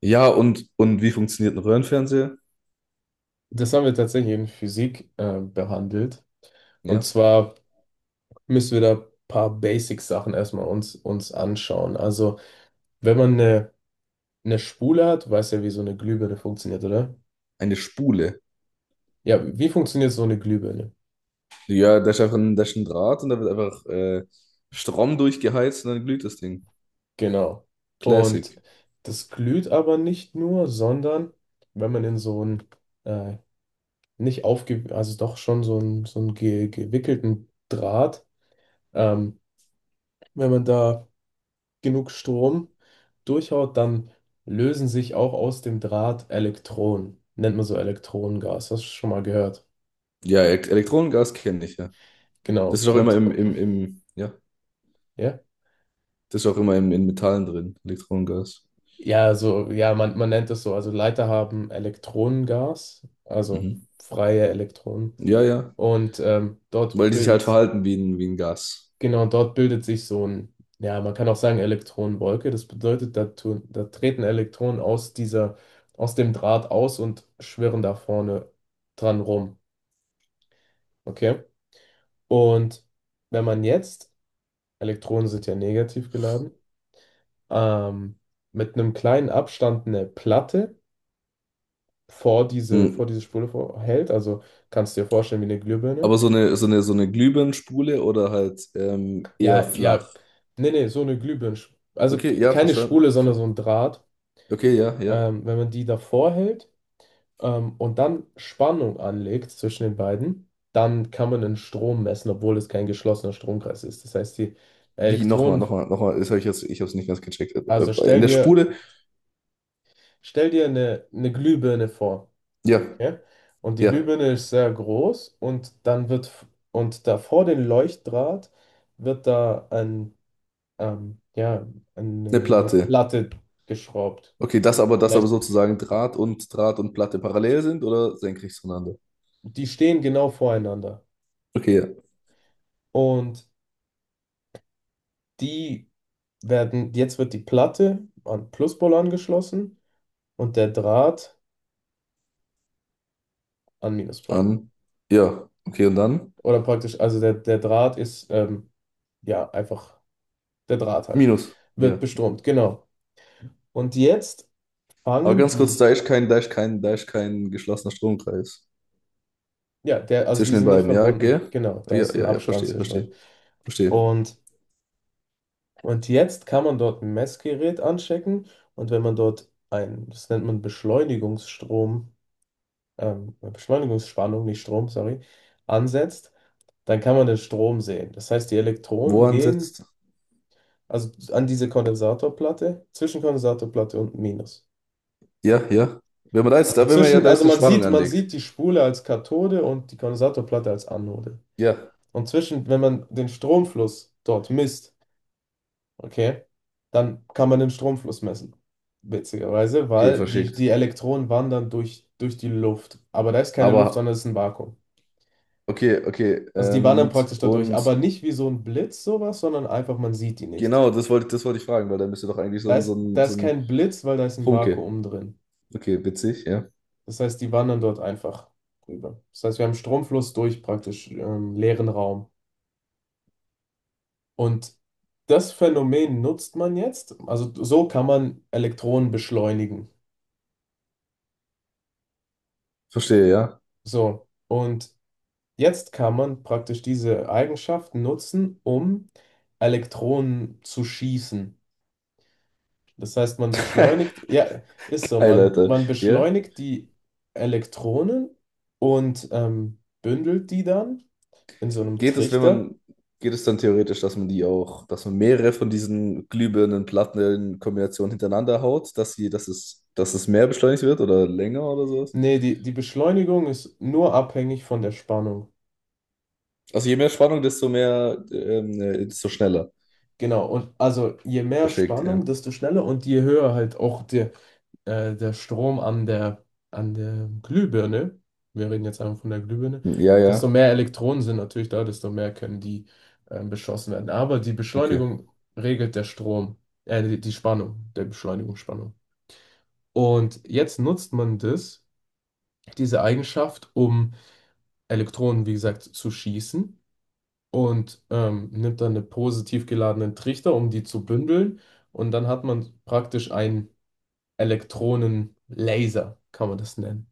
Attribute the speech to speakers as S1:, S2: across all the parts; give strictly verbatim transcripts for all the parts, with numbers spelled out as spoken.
S1: Ja, und, und wie funktioniert ein Röhrenfernseher?
S2: Das haben wir tatsächlich in Physik äh, behandelt. Und
S1: Ja,
S2: zwar müssen wir da ein paar Basic-Sachen erstmal uns, uns anschauen. Also, wenn man eine, eine Spule hat, weiß ja, wie so eine Glühbirne funktioniert, oder?
S1: eine Spule.
S2: Ja, wie funktioniert so eine Glühbirne?
S1: Ja, da ist einfach ein, da ist ein Draht und da wird einfach äh, Strom durchgeheizt und dann glüht das Ding.
S2: Genau. Und
S1: Classic.
S2: das glüht aber nicht nur, sondern wenn man in so einen äh, nicht aufge, also doch schon so einen, so einen ge gewickelten Draht, ähm, wenn man da genug Strom durchhaut, dann lösen sich auch aus dem Draht Elektronen. Nennt man so Elektronengas. Hast du schon mal gehört?
S1: Ja, E- Elektronengas kenne ich, ja. Das
S2: Genau.
S1: ist auch immer
S2: Und
S1: im, im, im, ja,
S2: ja,
S1: das ist auch immer im, in Metallen drin, Elektronengas.
S2: ja, so, ja, man, man nennt es so. Also Leiter haben Elektronengas, also
S1: Mhm.
S2: freie Elektronen.
S1: Ja, ja.
S2: Und ähm, dort
S1: Weil die sich halt
S2: bildet,
S1: verhalten wie ein, wie ein Gas.
S2: genau, dort bildet sich so ein, ja, man kann auch sagen Elektronenwolke. Das bedeutet, da, tun, da treten Elektronen aus dieser, aus dem Draht aus und schwirren da vorne dran rum. Okay? Und wenn man jetzt, Elektronen sind ja negativ geladen, ähm, mit einem kleinen Abstand eine Platte vor diese, vor
S1: Mhm.
S2: diese Spule vor, hält, also kannst du dir vorstellen wie eine Glühbirne.
S1: Aber so eine, so eine, so eine Glühbirnenspule oder halt ähm, eher
S2: Ja, ja,
S1: flach.
S2: nee, nee, so eine Glühbirne. Also
S1: Okay,
S2: ke-
S1: ja,
S2: keine
S1: verstanden.
S2: Spule, sondern so ein Draht.
S1: Okay, ja, ja.
S2: Ähm, wenn man die davor hält ähm, und dann Spannung anlegt zwischen den beiden, dann kann man den Strom messen, obwohl es kein geschlossener Stromkreis ist. Das heißt, die
S1: Wie? Nochmal,
S2: Elektronen,
S1: nochmal, nochmal. Das hab ich jetzt, ich habe es nicht ganz gecheckt. Äh,
S2: also
S1: äh, In
S2: stell
S1: der
S2: dir
S1: Spule?
S2: Stell dir eine, eine Glühbirne vor.
S1: Ja,
S2: Okay? Und die
S1: ja,
S2: Glühbirne ist sehr groß und dann wird, f- und da vor den Leuchtdraht wird da ein, ähm, ja,
S1: eine
S2: eine, eine
S1: Platte.
S2: Platte geschraubt.
S1: Okay, das aber, das aber
S2: Vielleicht,
S1: sozusagen Draht und Draht und Platte parallel sind oder senkrecht zueinander?
S2: die stehen genau voreinander.
S1: Okay, ja.
S2: Und die werden, jetzt wird die Platte an Pluspol angeschlossen und der Draht an Minuspol.
S1: An. Ja, okay, und dann?
S2: Oder praktisch, also der, der Draht ist ähm, ja einfach. Der Draht halt,
S1: Minus.
S2: wird
S1: Ja.
S2: besturmt, genau. Und jetzt
S1: Aber
S2: fangen
S1: ganz kurz,
S2: die,
S1: da ist kein, da ist kein, da ist kein geschlossener Stromkreis
S2: ja, der, also die
S1: zwischen den
S2: sind nicht
S1: beiden. Ja,
S2: verbunden,
S1: gell?
S2: genau, da
S1: Ja,
S2: ist ein
S1: ja, ja,
S2: Abstand
S1: verstehe,
S2: zwischendrin.
S1: verstehe, verstehe.
S2: Und, und jetzt kann man dort ein Messgerät anstecken und wenn man dort ein, das nennt man Beschleunigungsstrom, ähm, Beschleunigungsspannung, nicht Strom, sorry, ansetzt, dann kann man den Strom sehen. Das heißt, die
S1: Wo
S2: Elektronen gehen
S1: ansetzt?
S2: also an diese Kondensatorplatte, zwischen Kondensatorplatte und Minus.
S1: Ja, ja. Wenn man da jetzt,
S2: Also
S1: da, wenn man ja
S2: zwischen,
S1: da jetzt
S2: also
S1: eine
S2: man
S1: Spannung
S2: sieht, man
S1: anlegt.
S2: sieht die Spule als Kathode und die Kondensatorplatte als Anode.
S1: Ja,
S2: Und zwischen, wenn man den Stromfluss dort misst, okay, dann kann man den Stromfluss messen. Witzigerweise,
S1: okay,
S2: weil die, die
S1: verschickt.
S2: Elektronen wandern durch, durch die Luft. Aber da ist keine Luft,
S1: Aber
S2: sondern es ist ein Vakuum.
S1: okay, okay.
S2: Also die wandern
S1: Und,
S2: praktisch dadurch,
S1: und
S2: aber nicht wie so ein Blitz sowas, sondern einfach, man sieht die nicht.
S1: genau, das wollte, das wollte ich fragen, weil da müsste doch eigentlich so
S2: Da
S1: ein, so
S2: ist,
S1: ein,
S2: da
S1: so
S2: ist
S1: ein
S2: kein Blitz, weil da ist ein
S1: Funke.
S2: Vakuum drin.
S1: Okay, witzig, ja.
S2: Das heißt, die wandern dort einfach rüber. Das heißt, wir haben Stromfluss durch praktisch ähm, leeren Raum. Und das Phänomen nutzt man jetzt. Also so kann man Elektronen beschleunigen.
S1: Verstehe, ja.
S2: So. Und jetzt kann man praktisch diese Eigenschaft nutzen, um Elektronen zu schießen. Das heißt, man beschleunigt, ja, ist so,
S1: Geil,
S2: man,
S1: Alter.
S2: man
S1: Ja.
S2: beschleunigt die Elektronen und ähm, bündelt die dann in so einem
S1: Geht es, wenn
S2: Trichter.
S1: man, geht es dann theoretisch, dass man die auch, dass man mehrere von diesen glühbirnen Platten in Kombination hintereinander haut, dass sie, dass es, dass es mehr beschleunigt wird oder länger oder sowas?
S2: Nee, die, die Beschleunigung ist nur abhängig von der Spannung.
S1: Also je mehr Spannung, desto mehr, ähm, äh, desto schneller
S2: Genau, und also je mehr
S1: verschickt, ja.
S2: Spannung, desto schneller und je höher halt auch der, äh, der Strom an der, an der Glühbirne, wir reden jetzt einfach von der Glühbirne,
S1: Ja,
S2: desto
S1: ja.
S2: mehr Elektronen sind natürlich da, desto mehr können die ähm, beschossen werden. Aber die
S1: Okay.
S2: Beschleunigung regelt der Strom, äh, die, die Spannung, der Beschleunigungsspannung. Und jetzt nutzt man das, diese Eigenschaft, um Elektronen, wie gesagt, zu schießen und ähm, nimmt dann eine positiv geladenen Trichter, um die zu bündeln. Und dann hat man praktisch einen Elektronenlaser, kann man das nennen.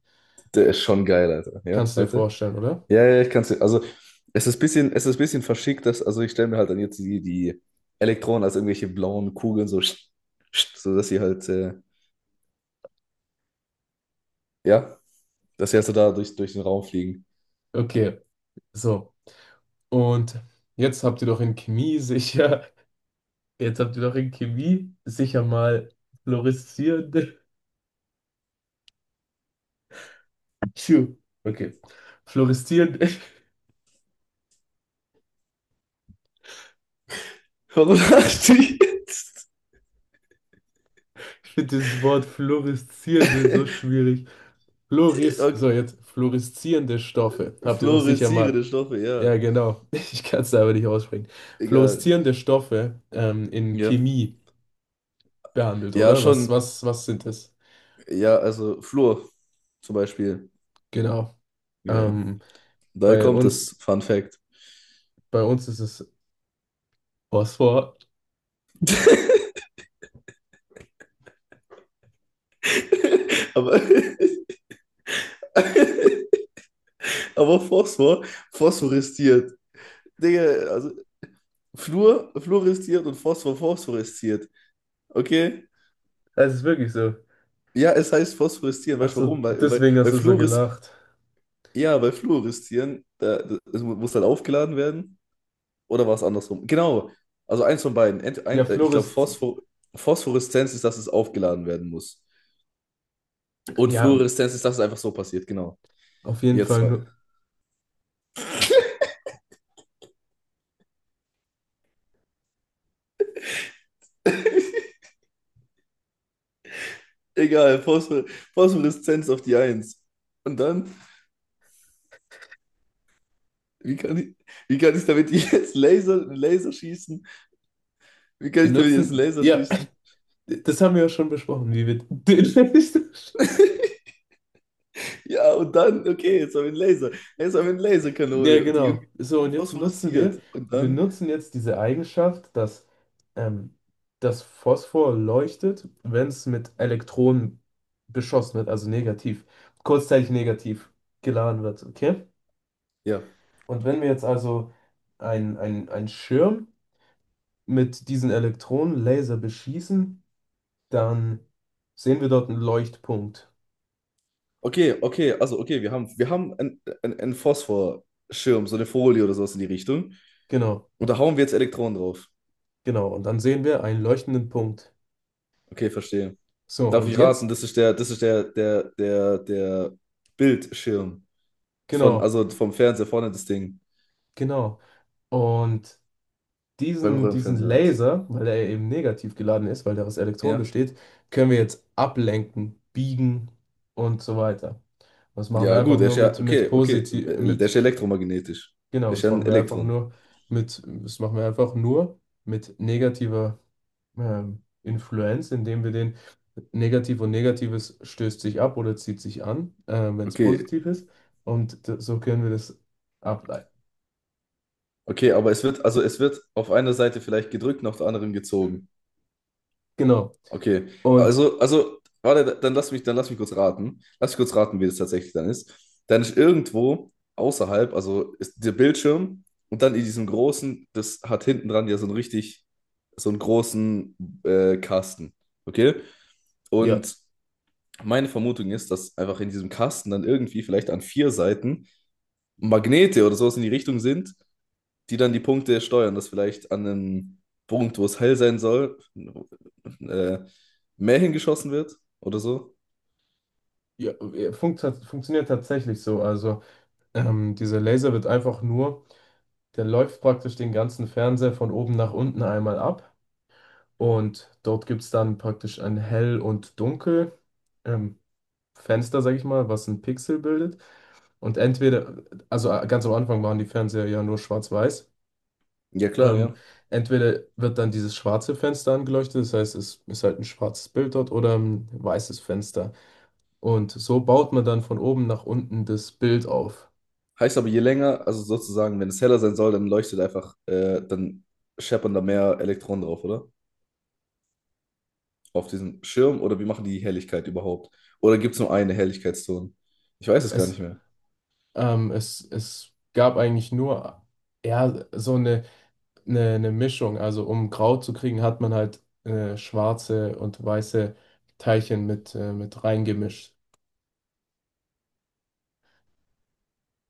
S1: Der ist schon geil, Alter. Ja,
S2: Kannst du dir
S1: weiter.
S2: vorstellen, oder?
S1: Ja, ja, ich kann es. Also, es ist ein bisschen, es ist ein bisschen verschickt, dass, also ich stelle mir halt dann jetzt die, die Elektronen als irgendwelche blauen Kugeln so, sch- sch- so dass sie halt, äh, ja, dass sie halt so da durch, durch den Raum fliegen.
S2: Okay, so. Und jetzt habt ihr doch in Chemie sicher, jetzt habt ihr doch in Chemie sicher mal fluoreszierende. Tschu. Okay. Fluoreszierende, ich
S1: Warum lachst du jetzt?
S2: finde dieses Wort fluoreszierende so schwierig. Fluoris, so
S1: Okay,
S2: jetzt fluoreszierende Stoffe. Habt ihr doch sicher mal
S1: fluoreszierende Stoffe, ja.
S2: ja, genau. Ich kann es aber nicht aussprechen.
S1: Egal.
S2: Fluoreszierende Stoffe ähm, in
S1: Ja.
S2: Chemie behandelt,
S1: Ja,
S2: oder? Was,
S1: schon.
S2: was, was sind das?
S1: Ja, also Fluor zum Beispiel.
S2: Genau.
S1: Ja.
S2: Ähm,
S1: Daher
S2: bei
S1: kommt
S2: uns,
S1: das Fun Fact.
S2: bei uns ist es Phosphor.
S1: Aber, aber Phosphor, phosphorisiert. Digga, also Fluor, fluoresziert und Phosphor, phosphoresziert. Okay?
S2: Es ist wirklich so.
S1: Ja, es heißt phosphoreszieren.
S2: Ach
S1: Weißt du
S2: so,
S1: warum? Weil, weil,
S2: deswegen hast
S1: weil
S2: du so
S1: Fluores,
S2: gelacht.
S1: ja, bei Fluoreszieren, da, das, es mu- muss dann aufgeladen werden. Oder war es andersrum? Genau. Also eins von beiden. Ent,
S2: Ja,
S1: ein, äh, ich glaube,
S2: Fluoresz,
S1: Phosphor, Phosphoreszenz ist, dass es aufgeladen werden muss. Und
S2: ja,
S1: Fluoreszenz ist, dass es einfach so passiert. Genau.
S2: auf jeden
S1: Jetzt
S2: Fall.
S1: zwei.
S2: nu-
S1: Egal, Phosphor, Phosphoreszenz auf die Eins. Und dann, wie kann ich, wie kann ich damit jetzt Laser, Laser schießen? Wie kann
S2: Wir
S1: ich damit jetzt einen
S2: nutzen,
S1: Laser
S2: ja,
S1: schießen?
S2: das haben wir ja schon besprochen, wie wir den Fenster schließen.
S1: Ja, und dann, okay, jetzt haben wir einen Laser. Jetzt haben wir eine
S2: Ja,
S1: Laserkanone, die irgendwie
S2: genau. So, und jetzt nutzen wir,
S1: phosphoresziert. Und
S2: wir
S1: dann,
S2: nutzen jetzt diese Eigenschaft, dass ähm, das Phosphor leuchtet, wenn es mit Elektronen beschossen wird, also negativ, kurzzeitig negativ geladen wird, okay?
S1: ja.
S2: Und wenn wir jetzt also einen ein Schirm mit diesen Elektronenlaser beschießen, dann sehen wir dort einen Leuchtpunkt.
S1: Okay, okay, also okay, wir haben, wir haben einen, einen, einen Phosphorschirm, so eine Folie oder sowas in die Richtung.
S2: Genau,
S1: Und da hauen wir jetzt Elektronen drauf.
S2: genau. Und dann sehen wir einen leuchtenden Punkt.
S1: Okay, verstehe.
S2: So,
S1: Darf
S2: und
S1: ich raten,
S2: jetzt,
S1: das ist der, das ist der, der, der, der Bildschirm. Von,
S2: genau,
S1: also vom Fernseher vorne das Ding.
S2: genau. Und
S1: Beim
S2: diesen, diesen
S1: Röhrenfernseher halt.
S2: Laser, weil er eben negativ geladen ist, weil der aus Elektronen
S1: Ja.
S2: besteht, können wir jetzt ablenken, biegen und so weiter. Das machen
S1: Ja,
S2: wir einfach
S1: gut, er ist
S2: nur
S1: ja,
S2: mit, mit
S1: okay, okay,
S2: positiv,
S1: der
S2: mit,
S1: ist ja elektromagnetisch. Der
S2: genau,
S1: ist
S2: das
S1: ja ein
S2: machen wir einfach
S1: Elektron.
S2: nur mit, das machen wir einfach nur mit negativer ähm, Influenz, indem wir den negativ und negatives stößt sich ab oder zieht sich an, äh, wenn es
S1: Okay,
S2: positiv ist. Und d- so können wir das ableiten.
S1: okay, aber es wird, also es wird auf einer Seite vielleicht gedrückt und auf der anderen gezogen.
S2: Genau.
S1: Okay,
S2: Und
S1: also, also, warte, dann lass mich, dann lass mich kurz raten. Lass mich kurz raten, wie das tatsächlich dann ist. Dann ist irgendwo außerhalb, also ist der Bildschirm und dann in diesem großen, das hat hinten dran ja so einen richtig, so einen großen äh, Kasten. Okay?
S2: ja,
S1: Und meine Vermutung ist, dass einfach in diesem Kasten dann irgendwie vielleicht an vier Seiten Magnete oder sowas in die Richtung sind, die dann die Punkte steuern, dass vielleicht an einem Punkt, wo es hell sein soll, äh, mehr hingeschossen wird oder so.
S2: ja, funktioniert, funktioniert tatsächlich so. Also ähm, dieser Laser wird einfach nur, der läuft praktisch den ganzen Fernseher von oben nach unten einmal ab und dort gibt es dann praktisch ein Hell- und Dunkel, ähm, Fenster, sag ich mal, was ein Pixel bildet. Und entweder, also äh, ganz am Anfang waren die Fernseher ja nur schwarz-weiß.
S1: Ja, klar,
S2: Ähm,
S1: ja.
S2: entweder wird dann dieses schwarze Fenster angeleuchtet, das heißt, es ist halt ein schwarzes Bild dort oder ein weißes Fenster. Und so baut man dann von oben nach unten das Bild auf.
S1: Heißt aber, je länger, also sozusagen, wenn es heller sein soll, dann leuchtet einfach, äh, dann scheppern da mehr Elektronen drauf, oder? Auf diesen Schirm oder wie machen die die Helligkeit überhaupt? Oder gibt es nur eine Helligkeitszone? Ich weiß es gar
S2: Es,
S1: nicht mehr.
S2: ähm, es, es gab eigentlich nur eher so eine, eine, eine Mischung. Also um grau zu kriegen, hat man halt äh, schwarze und weiße Teilchen mit, äh, mit reingemischt.